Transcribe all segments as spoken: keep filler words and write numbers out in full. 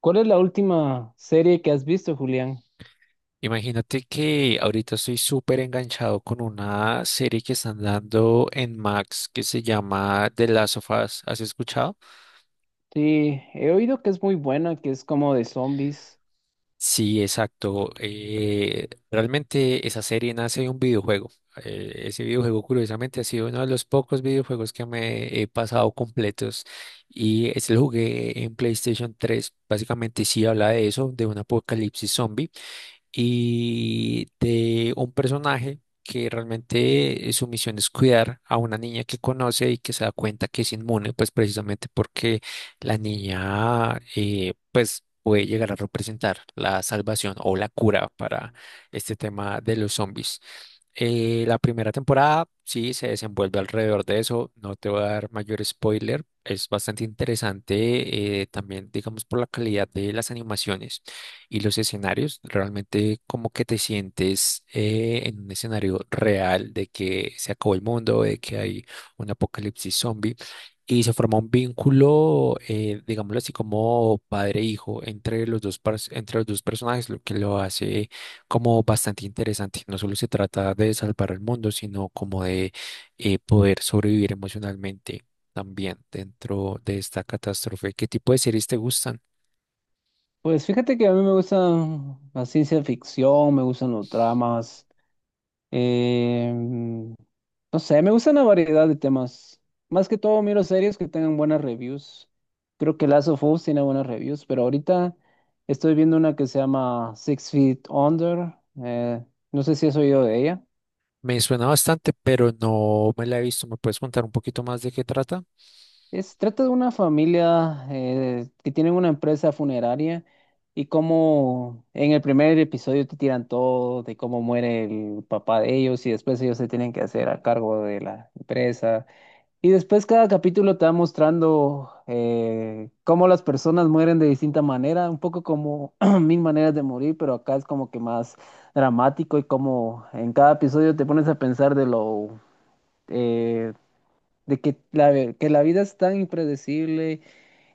¿Cuál es la última serie que has visto, Julián? Imagínate que ahorita estoy súper enganchado con una serie que están dando en Max que se llama The Last of Us. ¿Has escuchado? Sí, he oído que es muy buena, que es como de zombies. Sí, exacto. Eh, realmente esa serie nace de un videojuego. Eh, ese videojuego, curiosamente, ha sido uno de los pocos videojuegos que me he pasado completos. Y ese lo jugué en PlayStation tres. Básicamente sí habla de eso, de un apocalipsis zombie. Y de un personaje que realmente eh, su misión es cuidar a una niña que conoce y que se da cuenta que es inmune, pues precisamente porque la niña eh, pues puede llegar a representar la salvación o la cura para este tema de los zombies. Eh, la primera temporada sí se desenvuelve alrededor de eso, no te voy a dar mayor spoiler, es bastante interesante, eh, también digamos por la calidad de las animaciones y los escenarios, realmente como que te sientes eh, en un escenario real de que se acabó el mundo, de que hay un apocalipsis zombie y se forma un vínculo, eh, digámoslo así como padre-hijo entre los dos, pers- entre los dos personajes, lo que lo hace como bastante interesante. No solo se trata de salvar el mundo, sino como de, eh, poder sobrevivir emocionalmente también dentro de esta catástrofe. ¿Qué tipo de series te gustan? Pues fíjate que a mí me gusta la ciencia ficción, me gustan los dramas, eh, mm, no sé, me gustan la variedad de temas. Más que todo miro series que tengan buenas reviews. Creo que Last of Us tiene buenas reviews, pero ahorita estoy viendo una que se llama Six Feet Under. eh, no sé si has oído de ella. Me suena bastante, pero no me la he visto. ¿Me puedes contar un poquito más de qué trata? Es, trata de una familia eh, que tienen una empresa funeraria, y cómo en el primer episodio te tiran todo de cómo muere el papá de ellos y después ellos se tienen que hacer a cargo de la empresa. Y después cada capítulo te va mostrando eh, cómo las personas mueren de distinta manera, un poco como mil maneras de morir, pero acá es como que más dramático, y como en cada episodio te pones a pensar de lo... eh, de que la, ve- que la vida es tan impredecible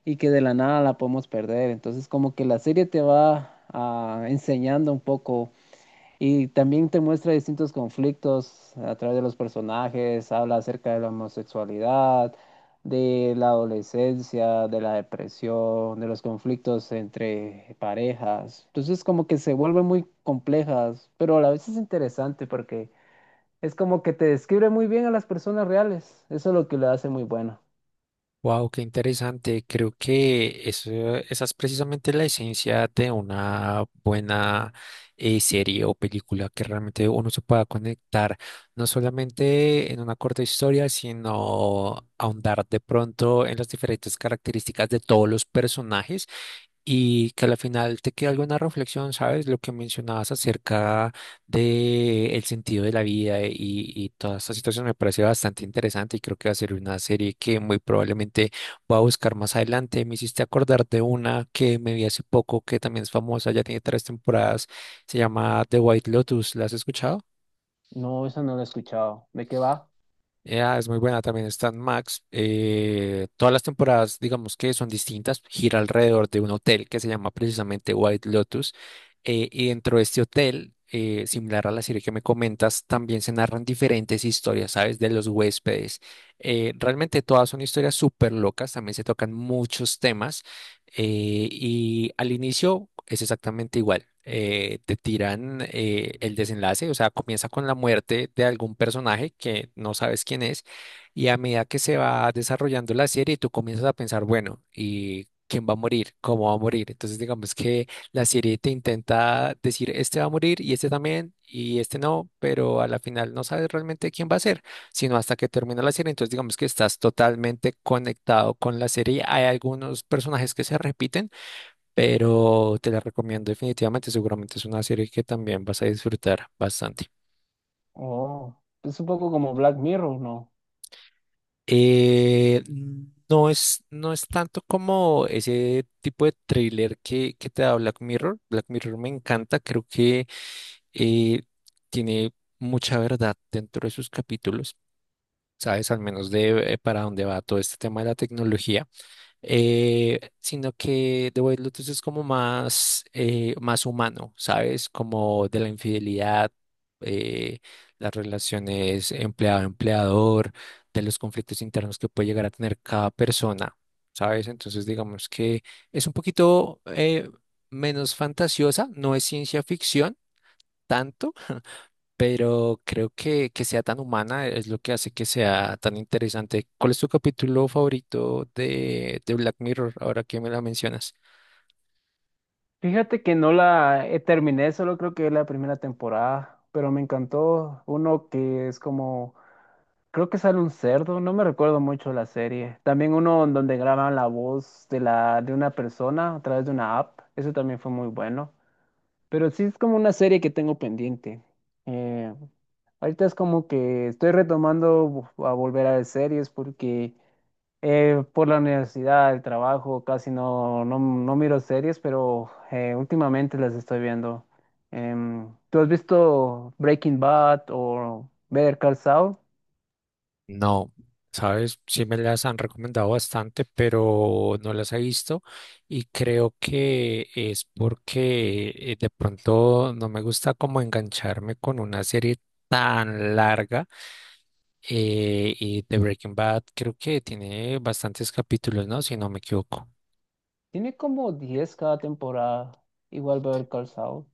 y que de la nada la podemos perder. Entonces, como que la serie te va ah, enseñando un poco, y también te muestra distintos conflictos a través de los personajes, habla acerca de la homosexualidad, de la adolescencia, de la depresión, de los conflictos entre parejas. Entonces, como que se vuelven muy complejas, pero a la vez es interesante porque es como que te describe muy bien a las personas reales. Eso es lo que lo hace muy bueno. Wow, qué interesante. Creo que eso, esa es precisamente la esencia de una buena, eh, serie o película, que realmente uno se pueda conectar no solamente en una corta historia, sino ahondar de pronto en las diferentes características de todos los personajes y que al final te quede alguna reflexión, ¿sabes? Lo que mencionabas acerca de el sentido de la vida y, y toda esta situación me parece bastante interesante y creo que va a ser una serie que muy probablemente voy a buscar más adelante. Me hiciste acordar de una que me vi hace poco que también es famosa, ya tiene tres temporadas, se llama The White Lotus, ¿la has escuchado? No, esa no la he escuchado. ¿De qué va? Ya, es muy buena, también está en Max. Eh, todas las temporadas, digamos que son distintas, gira alrededor de un hotel que se llama precisamente White Lotus. Eh, y dentro de este hotel, eh, similar a la serie que me comentas, también se narran diferentes historias, ¿sabes? De los huéspedes. Eh, realmente todas son historias súper locas, también se tocan muchos temas. Eh, y al inicio es exactamente igual. Eh, te tiran, eh, el desenlace, o sea, comienza con la muerte de algún personaje que no sabes quién es, y a medida que se va desarrollando la serie, tú comienzas a pensar, bueno, ¿y quién va a morir? ¿Cómo va a morir? Entonces, digamos que la serie te intenta decir, este va a morir y este también, y este no, pero a la final no sabes realmente quién va a ser sino hasta que termina la serie. Entonces, digamos que estás totalmente conectado con la serie. Hay algunos personajes que se repiten, pero te la recomiendo definitivamente. Seguramente es una serie que también vas a disfrutar bastante. Oh, es un poco como Black Mirror, ¿no? Eh, no es, no es tanto como ese tipo de thriller que, que te da Black Mirror. Black Mirror me encanta, creo que eh, tiene mucha verdad dentro de sus capítulos. Sabes al menos de, eh, para dónde va todo este tema de la tecnología. Eh, sino que The White Lotus es como más, eh, más humano, ¿sabes? Como de la infidelidad, eh, las relaciones empleado-empleador, de los conflictos internos que puede llegar a tener cada persona, ¿sabes? Entonces, digamos que es un poquito eh, menos fantasiosa, no es ciencia ficción tanto, pero creo que, que sea tan humana es lo que hace que sea tan interesante. ¿Cuál es tu capítulo favorito de, de Black Mirror, ahora que me la mencionas? Fíjate que no la eh, terminé, solo creo que la primera temporada, pero me encantó uno que es como, creo que sale un cerdo, no me recuerdo mucho la serie. También uno en donde graban la voz de la de una persona a través de una app, eso también fue muy bueno. Pero sí es como una serie que tengo pendiente. Eh, Ahorita es como que estoy retomando a volver a ver series porque eh, por la universidad, el trabajo, casi no, no, no miro series, pero eh, últimamente las estoy viendo. Em, ¿tú has visto Breaking Bad o Better Call Saul? No, sabes, sí me las han recomendado bastante, pero no las he visto y creo que es porque eh, de pronto no me gusta como engancharme con una serie tan larga, eh, y The Breaking Bad creo que tiene bastantes capítulos, ¿no? Si no me equivoco. Tiene como diez cada temporada, igual Better Call Saul.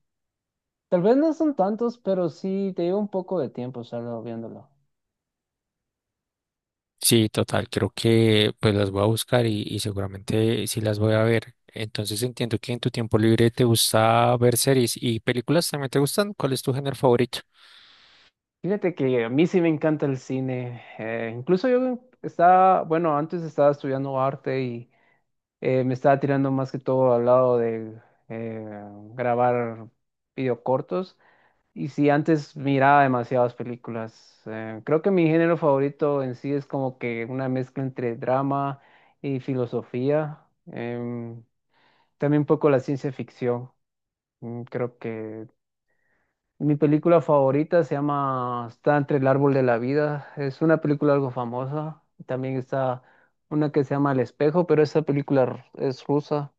Tal vez no son tantos, pero sí te lleva un poco de tiempo estarlo viéndolo. Sí, total, creo que pues las voy a buscar y, y seguramente sí las voy a ver. Entonces entiendo que en tu tiempo libre te gusta ver series y películas también te gustan. ¿Cuál es tu género favorito? Fíjate que a mí sí me encanta el cine. Eh, incluso yo estaba, bueno, antes estaba estudiando arte, y eh, me estaba tirando más que todo al lado de eh, grabar videocortos. Y sí, antes miraba demasiadas películas. Eh, creo que mi género favorito en sí es como que una mezcla entre drama y filosofía. em, También un poco la ciencia ficción. mm, Creo que mi película favorita se llama Está entre el árbol de la vida. Es una película algo famosa. También está una que se llama El espejo, pero esa película r- es rusa.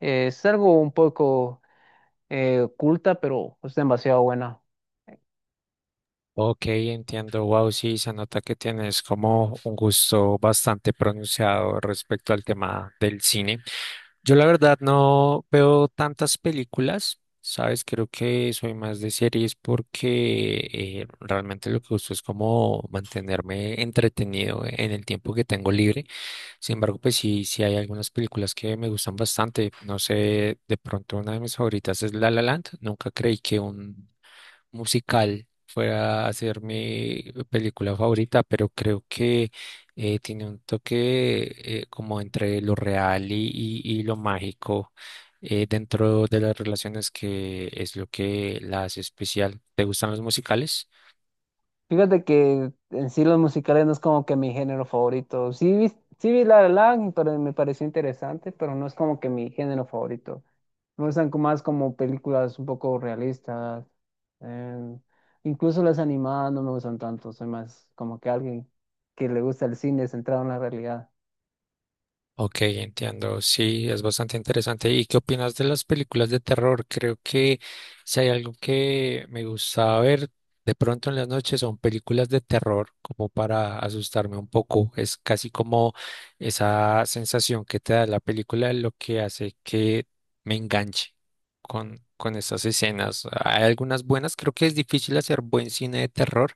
Eh, es algo un poco eh, oculta, pero es demasiado buena. Ok, entiendo. Wow, sí, se nota que tienes como un gusto bastante pronunciado respecto al tema del cine. Yo la verdad no veo tantas películas, ¿sabes? Creo que soy más de series porque eh, realmente lo que gusto es como mantenerme entretenido en el tiempo que tengo libre. Sin embargo, pues sí, sí hay algunas películas que me gustan bastante. No sé, de pronto una de mis favoritas es La La Land. Nunca creí que un musical fuera a ser mi película favorita, pero creo que eh, tiene un toque, eh, como entre lo real y, y- y lo mágico, eh, dentro de las relaciones que es lo que la hace especial. ¿Te gustan los musicales? Fíjate que en sí los musicales no es como que mi género favorito. Sí vi, sí vi La La Land, pero me pareció interesante, pero no es como que mi género favorito. Me gustan co- más como películas un poco realistas. eh, Incluso las animadas no me gustan tanto. Soy más como que alguien que le gusta el cine centrado en la realidad. Ok, entiendo. Sí, es bastante interesante. ¿Y qué opinas de las películas de terror? Creo que si hay algo que me gusta ver de pronto en las noches son películas de terror, como para asustarme un poco. Es casi como esa sensación que te da la película lo que hace que me enganche con, con estas escenas. Hay algunas buenas, creo que es difícil hacer buen cine de terror,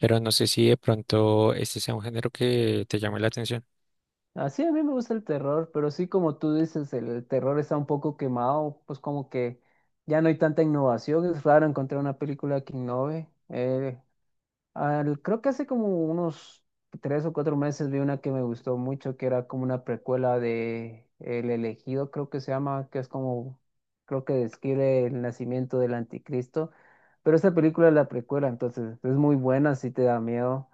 pero no sé si de pronto este sea un género que te llame la atención. Así a mí me gusta el terror, pero sí como tú dices, el terror está un poco quemado, pues como que ya no hay tanta innovación. Es raro encontrar una película que innove. Eh, Al- creo que hace como unos tres o cuatro meses vi una que me gustó mucho, que era como una precuela de El Elegido, creo que se llama, que es como, creo que describe el nacimiento del anticristo. Pero esta película es la precuela, entonces es muy buena, si te da miedo.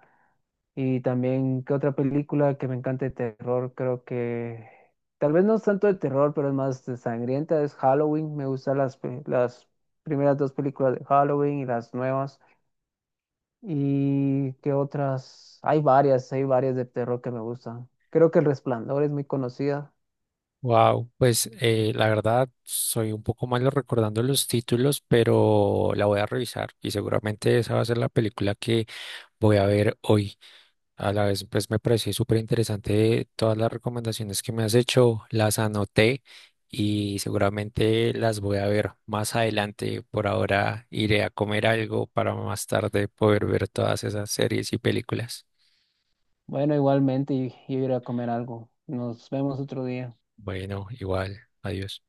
Y también, ¿qué otra película que me encanta de terror? Creo que tal vez no es tanto de terror, pero es más de sangrienta, es Halloween. Me gustan las, pe- las primeras dos películas de Halloween y las nuevas. ¿Y qué otras? Hay varias, hay varias de terror que me gustan. Creo que El Resplandor es muy conocida. Wow, pues eh, la verdad soy un poco malo recordando los títulos, pero la voy a revisar y seguramente esa va a ser la película que voy a ver hoy. A la vez, pues me pareció súper interesante todas las recomendaciones que me has hecho, las anoté y seguramente las voy a ver más adelante. Por ahora iré a comer algo para más tarde poder ver todas esas series y películas. Bueno, igualmente, y, y iré a comer algo. Nos vemos otro día. Bueno, igual, adiós.